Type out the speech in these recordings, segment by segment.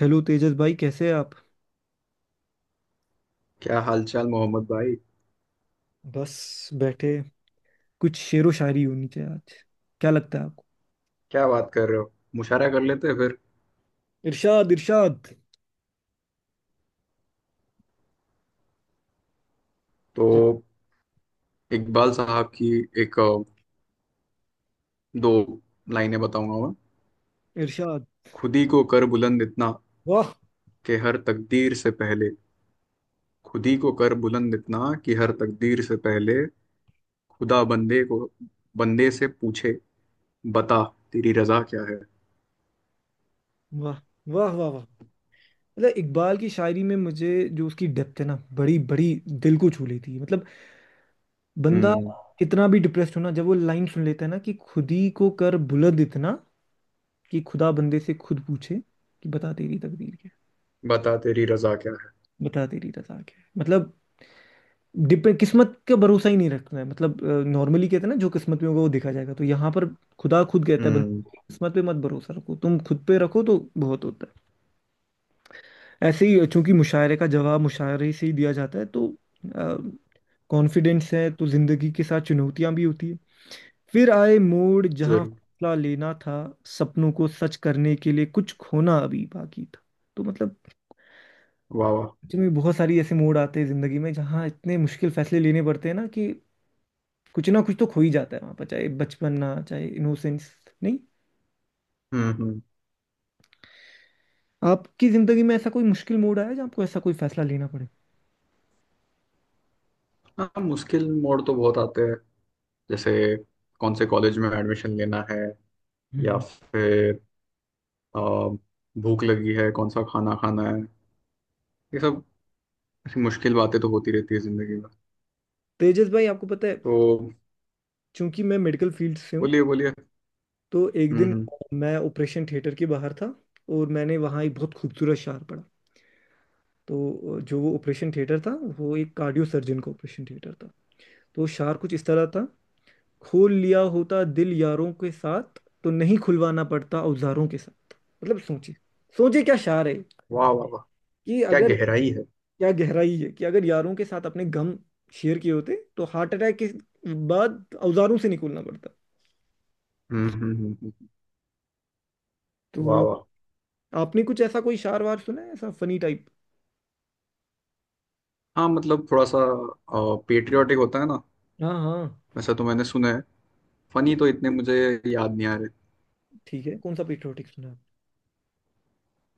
Hello Tejas भाई, कैसे हैं आप? क्या हालचाल मोहम्मद भाई। बस बैठे। कुछ शेरो शायरी होनी चाहिए आज। क्या लगता है आपको? क्या बात कर रहे हो। मुशायरा कर लेते हैं फिर। इरशाद, इरशाद। तो च- इकबाल साहब की एक दो लाइनें बताऊंगा मैं। इरशाद। खुद ही को कर बुलंद इतना वाह, कि हर तकदीर से पहले, खुद ही को कर बुलंद इतना कि हर तकदीर से पहले खुदा बंदे को बंदे से पूछे बता तेरी रजा क्या है। वाह, वाह, वाह, वाह। मतलब इकबाल की शायरी में मुझे जो उसकी डेप्थ है ना, बड़ी बड़ी दिल को छू लेती है। मतलब बंदा हम्म। कितना भी डिप्रेस्ड हो ना, जब वो लाइन सुन लेता है ना कि खुद ही को कर बुलंद इतना कि खुदा बंदे से खुद पूछे कि बता तेरी तकदीर क्या बता तेरी रजा क्या है। है, बता तेरी रजा क्या है। मतलब डिपेंड, किस्मत का भरोसा ही नहीं रखना है। मतलब नॉर्मली कहते हैं ना, जो किस्मत में होगा वो देखा जाएगा, तो यहाँ पर खुदा खुद कहता है बंदे हम्म। को, किस्मत पे मत भरोसा रखो, तुम खुद पे रखो तो बहुत होता है। ऐसे ही, चूंकि मुशायरे का जवाब मुशायरे से ही दिया जाता है, तो कॉन्फिडेंस है तो जिंदगी के साथ चुनौतियां भी होती है। फिर आए मोड़ जहाँ जरूर। फैसला लेना था, सपनों को सच करने के लिए कुछ खोना अभी बाकी था। तो मतलब वाह वाह। सच में बहुत सारी ऐसे मोड़ आते हैं जिंदगी में जहाँ इतने मुश्किल फैसले लेने पड़ते हैं ना कि कुछ ना कुछ तो खो ही जाता है वहां पर, चाहे बचपना, चाहे इनोसेंस। नहीं, हम्म। आपकी जिंदगी में ऐसा कोई मुश्किल मोड़ आया जहाँ आपको ऐसा कोई फैसला लेना पड़े? हाँ, मुश्किल मोड़ तो बहुत आते हैं। जैसे कौन से कॉलेज में एडमिशन लेना है, या हम्म। फिर अ, भूख लगी है कौन सा खाना खाना है। ये सब ऐसी मुश्किल बातें तो होती रहती है जिंदगी में। तेजस भाई, आपको पता है, तो चूंकि मैं मेडिकल फील्ड से हूँ बोलिए बोलिए। तो एक दिन हम्म। मैं ऑपरेशन थिएटर के बाहर था और मैंने वहाँ एक बहुत खूबसूरत शार पढ़ा। तो जो वो ऑपरेशन थिएटर था वो एक कार्डियो सर्जन का ऑपरेशन थिएटर था। तो शार कुछ इस तरह था। खोल लिया होता दिल यारों के साथ, तो नहीं खुलवाना पड़ता औजारों के साथ। मतलब सोचिए, सोचिए क्या शार है। वाह वाह वाह। कि क्या अगर गहराई है। क्या गहराई है कि अगर यारों के साथ अपने गम शेयर किए होते तो हार्ट अटैक के बाद औजारों से निकलना पड़ता। हम्म। वाह तो वाह। आपने कुछ ऐसा कोई शार वार सुना है, ऐसा फनी टाइप? हाँ मतलब थोड़ा सा पेट्रियाटिक होता है ना, हाँ, हाँ। वैसा तो मैंने सुना है। फनी तो इतने मुझे याद नहीं आ रहे। ठीक है, कौन सा पेट्रियोटिक सुना आपने?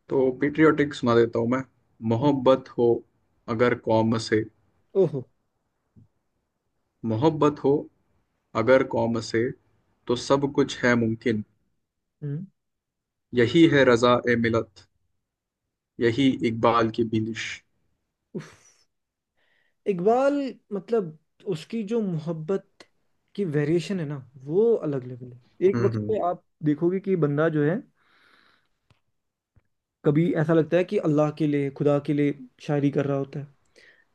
तो पेट्रियाटिक सुना देता हूँ मैं। हम्म। मोहब्बत हो अगर कौम से, ओहो। मोहब्बत हो अगर कौम से तो सब कुछ है मुमकिन। हम्म। यही है रजा ए मिलत, यही इकबाल की बिंदिश। उफ। इकबाल, मतलब उसकी जो मोहब्बत की वेरिएशन है ना, वो अलग लेवल है। एक वक्त पे हम्म। आप देखोगे कि बंदा जो है, कभी ऐसा लगता है कि अल्लाह के लिए, खुदा के लिए शायरी कर रहा होता है।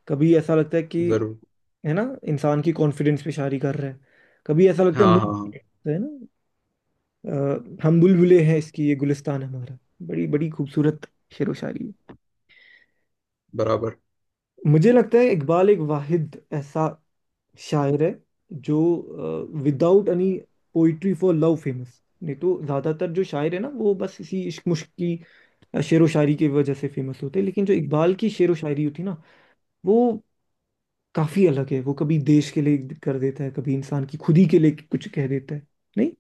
कभी ऐसा लगता है कि, जरूर। है ना, इंसान की कॉन्फिडेंस पे शायरी कर रहे हैं। कभी ऐसा लगता है हाँ हाँ मुंह, हाँ। है ना। हम बुलबुले हैं इसकी ये गुलिस्तान हमारा। बड़ी बड़ी खूबसूरत शेर व शायरी है। बराबर। मुझे लगता है इकबाल एक वाहिद ऐसा शायर है जो without any poetry for love famous नहीं, तो ज्यादातर जो शायर है ना वो बस इसी इश्क मुश्क की शेर व शायरी की वजह से फेमस होते हैं, लेकिन जो इकबाल की शेर व शायरी होती है ना वो काफी अलग है। वो कभी देश के लिए कर देता है, कभी इंसान की खुदी के लिए कुछ कह देता है। नहीं।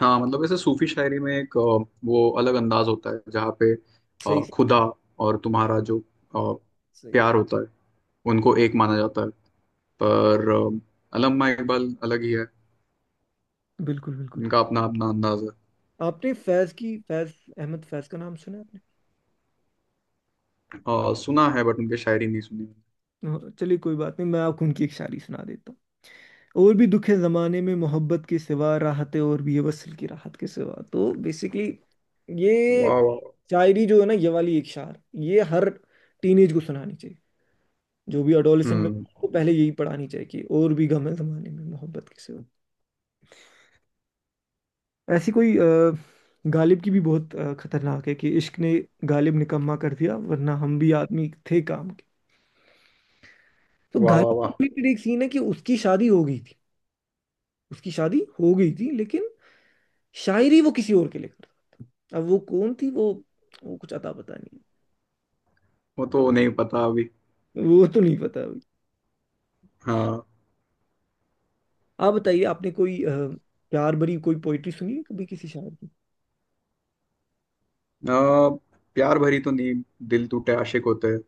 हाँ मतलब ऐसे सूफी शायरी में एक वो अलग अंदाज होता है जहाँ पे सही। खुदा और तुम्हारा जो अ, सही। प्यार होता है उनको एक माना जाता है। पर अल्लामा इकबाल अलग ही है। बिल्कुल, बिल्कुल। उनका अपना अपना अंदाज है। आपने फैज अहमद फैज का नाम सुना है आपने? सुना है बट उनके शायरी नहीं सुनी। और चलिए कोई बात नहीं, मैं आपको उनकी एक शायरी सुना देता हूँ। और भी दुख है ज़माने में मोहब्बत के सिवा, राहत है और भी है वसल की राहत के सिवा। तो बेसिकली वाह ये वाह वाह। शायरी जो है ना, ये वाली एक शार, ये हर टीनेज को सुनानी चाहिए। जो भी अडोलेसेंट में हम्म। उसको पहले यही पढ़ानी चाहिए कि और भी गम है जमाने में मोहब्बत के सिवा। ऐसी कोई गालिब की भी बहुत खतरनाक है कि इश्क ने गालिब निकम्मा कर दिया, वरना हम भी आदमी थे काम के। तो वाह वाह गालिब के वाह। रिलेटेड एक सीन है कि उसकी शादी हो गई थी लेकिन शायरी वो किसी और के लिए करता था। अब वो कौन थी, वो कुछ अता पता नहीं। वो तो नहीं पता अभी। वो तो नहीं पता अभी। हाँ आप बताइए, आपने कोई प्यार भरी कोई पोइट्री सुनी है कभी किसी शायर की? अ, प्यार भरी तो नींद दिल टूटे आशिक होते हैं।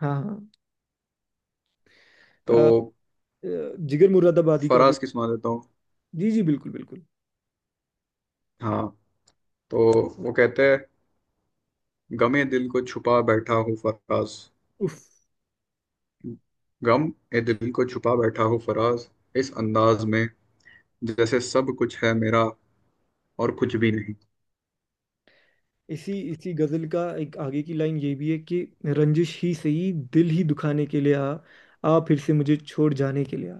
हाँ, हाँ। अ, तो जिगर मुरादाबादी का वो। फराज की सुना देता हूँ। जी, जी। बिल्कुल, बिल्कुल। हाँ, तो वो कहते हैं, गमे दिल को छुपा बैठा हूँ फराज, उफ। गम ए दिल को छुपा बैठा हूँ फराज, इस अंदाज में जैसे सब कुछ है मेरा और कुछ भी नहीं। इसी इसी गजल का एक आगे की लाइन ये भी है कि रंजिश ही सही दिल ही दुखाने के लिए आ, आ फिर से मुझे छोड़ जाने के लिए आ।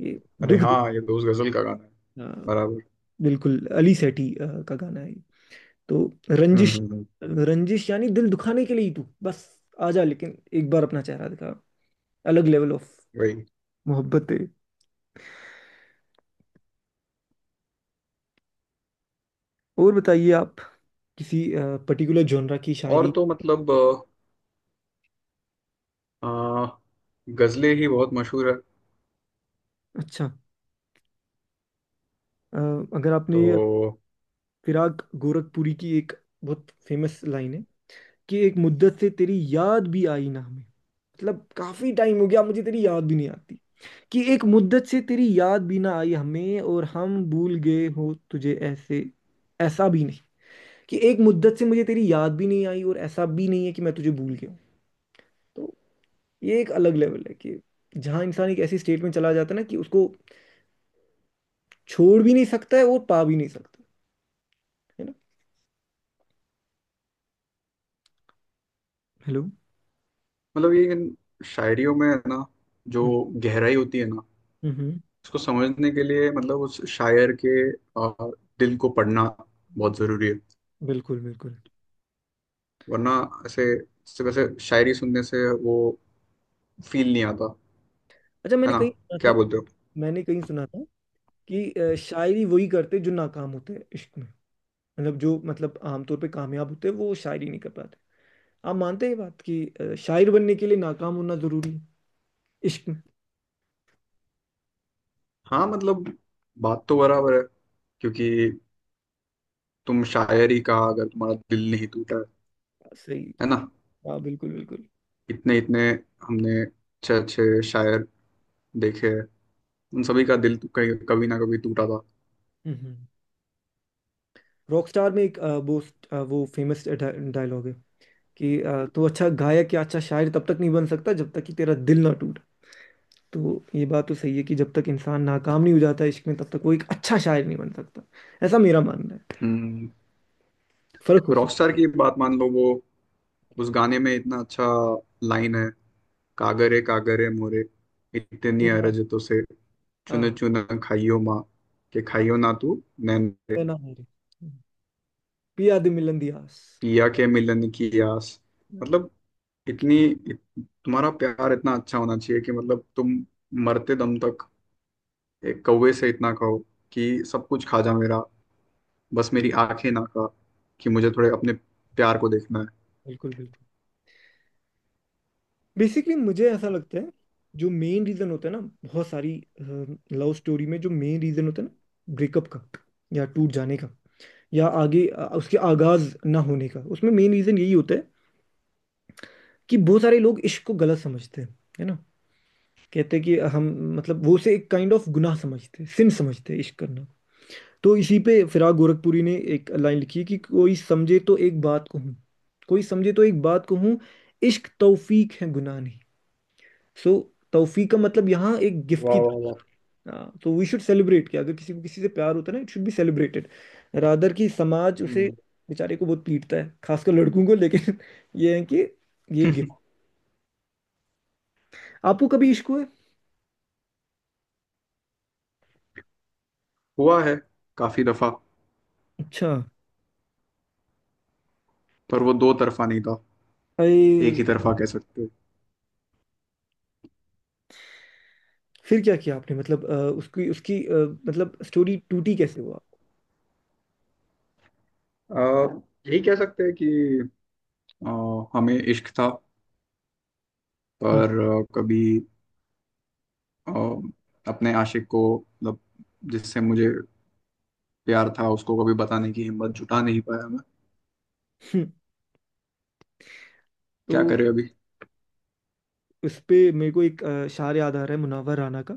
ये अरे दुख, हाँ, ये तो उस गजल का गाना है। अ, बराबर। बिल्कुल। अली सेठी का गाना है। तो रंजिश, हम्म। रंजिश यानी दिल दुखाने के लिए ही तू बस आ जा, लेकिन एक बार अपना चेहरा दिखा। अलग लेवल ऑफ वही। मोहब्बत है। और बताइए आप, किसी पर्टिकुलर जॉनरा की और शायरी? तो मतलब अ, गजलें ही बहुत मशहूर है। अच्छा। अ, अगर आपने तो फिराक गोरखपुरी की एक बहुत फेमस लाइन है कि एक मुद्दत से तेरी याद भी आई ना हमें, मतलब काफी टाइम हो गया मुझे तेरी याद भी नहीं आती। कि एक मुद्दत से तेरी याद भी ना आई हमें, और हम भूल गए हो तुझे ऐसे, ऐसा भी नहीं। कि एक मुद्दत से मुझे तेरी याद भी नहीं आई और ऐसा भी नहीं है कि मैं तुझे भूल गया हूं। तो ये एक अलग लेवल है कि जहाँ इंसान एक ऐसी स्टेट में चला जाता है ना कि उसको छोड़ भी नहीं सकता है और पा भी नहीं सकता, है ना? हेलो। मतलब ये इन शायरियों में है ना, जो हम्म, गहराई होती है ना, हम्म। उसको समझने के लिए मतलब उस शायर के दिल को पढ़ना बहुत जरूरी है। बिल्कुल, बिल्कुल। वरना ऐसे सिर्फ ऐसे शायरी सुनने से वो फील नहीं आता। अच्छा, है ना, क्या बोलते हो। मैंने कहीं सुना था कि शायरी वही करते जो नाकाम होते हैं इश्क में। मतलब जो, मतलब आमतौर पे कामयाब होते हैं वो शायरी नहीं कर पाते। आप मानते हैं ये बात कि शायर बनने के लिए नाकाम होना जरूरी है इश्क में? हाँ मतलब बात तो बराबर है क्योंकि तुम शायरी का अगर तुम्हारा दिल नहीं टूटा है सही। है ना। हाँ, बिल्कुल, बिल्कुल। इतने इतने हमने अच्छे अच्छे शायर देखे हैं, उन सभी का दिल तो कभी ना कभी टूटा था। हम्म। रॉकस्टार में एक वो फेमस डायलॉग है कि तो अच्छा गायक या अच्छा शायर तब तक नहीं बन सकता जब तक कि तेरा दिल ना टूटे। तो ये बात तो सही है कि जब तक इंसान नाकाम नहीं हो जाता इश्क में तब तक वो एक अच्छा शायर नहीं बन सकता। ऐसा मेरा मानना है, हम्म। फर्क हो सकता रॉकस्टार की बात मान लो वो, उस गाने में इतना अच्छा लाइन है। कागरे कागरे मोरे इतनी है। अरज तो से, चुन हाँ, चुन खाइयो माँ के खाइयो ना तू नैन है रे, ना मेरे पिया दे मिलन दियास। पिया के मिलन की आस। मतलब इतनी इत, तुम्हारा प्यार इतना अच्छा होना चाहिए कि मतलब तुम मरते दम तक एक कौवे से इतना कहो कि सब कुछ खा जा मेरा, बस मेरी आंखें ना खा, कि मुझे थोड़े अपने प्यार को देखना है। बिल्कुल, बिल्कुल। बेसिकली मुझे ऐसा लगता है, जो मेन रीजन होता है ना बहुत सारी लव स्टोरी में जो मेन रीजन होता है ना, ब्रेकअप का या टूट जाने का या आगे उसके आगाज ना होने का, उसमें मेन रीजन यही होता है कि बहुत सारे लोग इश्क को गलत समझते हैं, है ना। कहते हैं कि हम, मतलब, वो उसे एक काइंड ऑफ गुनाह समझते हैं, सिन समझते हैं इश्क करना। तो इसी पे फिराक गोरखपुरी ने एक लाइन लिखी है कि कोई समझे तो एक बात कहूँ, कोई समझे तो एक बात कहूँ, इश्क तौफीक है गुनाह नहीं। सो तौफीक का मतलब यहाँ एक गिफ्ट वाह की। वाह वाह। हाँ, तो वी शुड सेलिब्रेट कि अगर किसी को किसी से प्यार होता है ना, it should be celebrated, rather कि समाज उसे हम्म। बेचारे को बहुत पीटता है, खासकर लड़कों को, लेकिन ये है कि ये गिफ्ट। आपको कभी इश्क हुआ है? हुआ है, काफी दफा। अच्छा। पर वो दो तरफा नहीं था। एक अरे, ही तरफा कह सकते हो। फिर क्या किया आपने, मतलब उसकी उसकी मतलब स्टोरी टूटी कैसे, हुआ? अ, यही कह सकते हैं कि अ, हमें इश्क था हम्म। पर कभी अ, अपने आशिक को मतलब जिससे मुझे प्यार था उसको कभी बताने की हिम्मत जुटा नहीं पाया मैं। हम्म। क्या तो करे अभी। उस पे मेरे को एक शार याद आ रहा है मुनव्वर राना का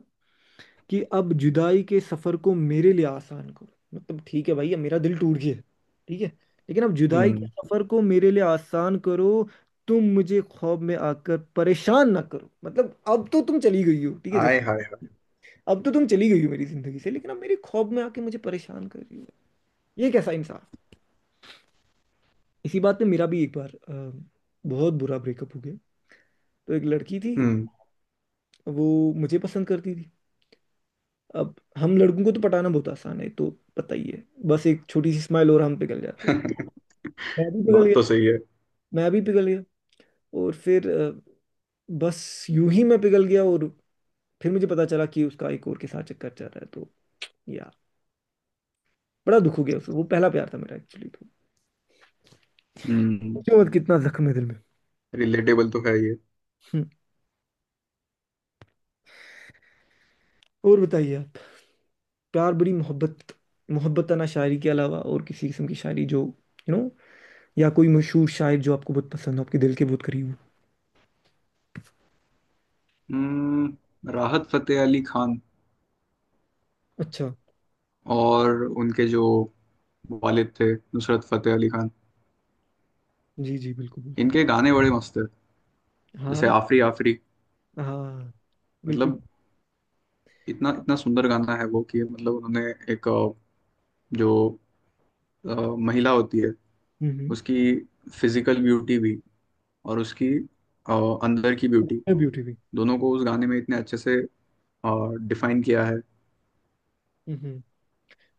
कि अब जुदाई के सफर को मेरे लिए आसान करो। मतलब ठीक है भाई, ये मेरा दिल टूट गया है, ठीक है, लेकिन अब जुदाई के हम्म। सफर को मेरे लिए आसान करो, तुम मुझे ख्वाब में आकर परेशान ना करो। मतलब अब तो तुम चली गई हो, ठीक है, आय जैसे हाय हाय। अब तो तुम चली गई हो मेरी जिंदगी से, लेकिन अब मेरे ख्वाब में आके मुझे परेशान कर रही हो। ये कैसा इंसाफ। इसी बात पे मेरा भी एक बार बहुत बुरा ब्रेकअप हो गया। तो एक लड़की थी, हम्म। वो मुझे पसंद करती थी। अब हम लड़कों को तो पटाना बहुत आसान है, तो पता ही है। बस एक छोटी सी स्माइल और हम पिघल जाते। मैं भी पिघल बात गया। तो सही है। मैं भी पिघल गया। और फिर बस यूं ही मैं पिघल गया, और फिर मुझे पता चला कि उसका एक और के साथ चक्कर चल रहा है। तो यार, बड़ा दुख हो गया उसको, वो पहला प्यार था मेरा एक्चुअली। तो हम्म। सोचो मत कितना जख्म है दिल में। रिलेटेबल तो है ये। हम्म। और बताइए आप, प्यार, बड़ी मोहब्बत, मोहब्बत ना, शायरी के अलावा और किसी किस्म की शायरी, जो, यू नो, या कोई मशहूर शायर जो आपको बहुत पसंद हो, आपके दिल के बहुत करीब हो? हम्म। राहत फतेह अली खान अच्छा। और उनके जो वालिद थे नुसरत फतेह अली खान, जी, जी। बिल्कुल, बिल्कुल। इनके गाने बड़े मस्त है। जैसे हाँ, आफरी आफरी। हाँ। बिल्कुल। मतलब इतना इतना सुंदर गाना है वो, कि मतलब उन्होंने एक जो अ, महिला होती है हम्म। उसकी फिजिकल ब्यूटी भी और उसकी अ, अंदर की ब्यूटी ब्यूटी भी। दोनों को उस गाने में इतने अच्छे से डिफाइन किया है। हम्म।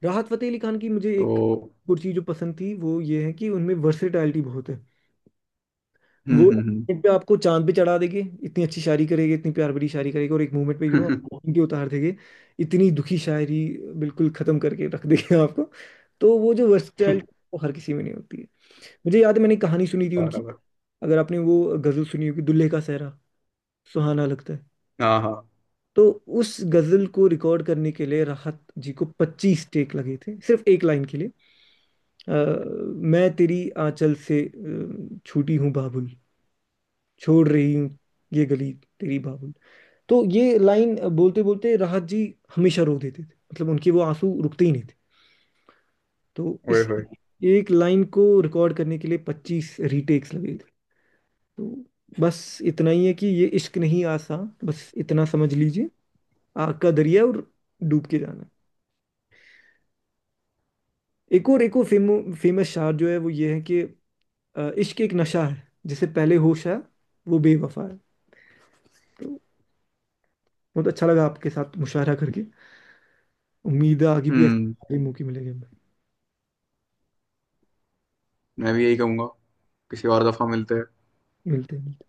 राहत फतेह अली खान की मुझे एक तो और चीज जो पसंद थी वो ये है कि उनमें वर्सेटैलिटी बहुत है। हम्म वो एक हम्म moment पे आपको चांद पे चढ़ा देंगे, इतनी अच्छी शायरी करेंगे, इतनी प्यार भरी शायरी करेंगे, और एक मूवमेंट पे यू नो हम्म। के उतार देंगे। इतनी दुखी शायरी, बिल्कुल खत्म करके रख देंगे आपको। तो वो जो वर्सेटैलिटी, वो हर किसी में नहीं होती है। मुझे याद है, मैंने कहानी सुनी थी उनकी। बराबर। अगर आपने वो गजल सुनी होगी, दुल्हे का सहरा सुहाना लगता है। हाँ हाँ। तो उस गजल को रिकॉर्ड करने के लिए राहत जी को 25 टेक लगे थे सिर्फ एक लाइन के लिए। अ, मैं तेरी आंचल से छूटी हूँ बाबुल, छोड़ रही हूँ ये गली तेरी बाबुल। तो ये लाइन बोलते बोलते राहत जी हमेशा रो देते थे। मतलब उनके वो आंसू रुकते ही नहीं थे। तो ओए इस होए। एक लाइन को रिकॉर्ड करने के लिए 25 रीटेक्स लगे थे। तो बस इतना ही है कि ये इश्क नहीं आसान, बस इतना समझ लीजिए, आग का दरिया, और डूब के जाना है। एक और फेमस शायर जो है वो ये है कि इश्क एक नशा है जिसे पहले होश है, वो बेवफा है। तो बहुत अच्छा लगा आपके साथ मुशायरा करके। उम्मीद है आगे भी हम्म। ऐसे मौके मिलेंगे। मैं भी यही कहूँगा, किसी और दफा मिलते हैं। मिलते हैं।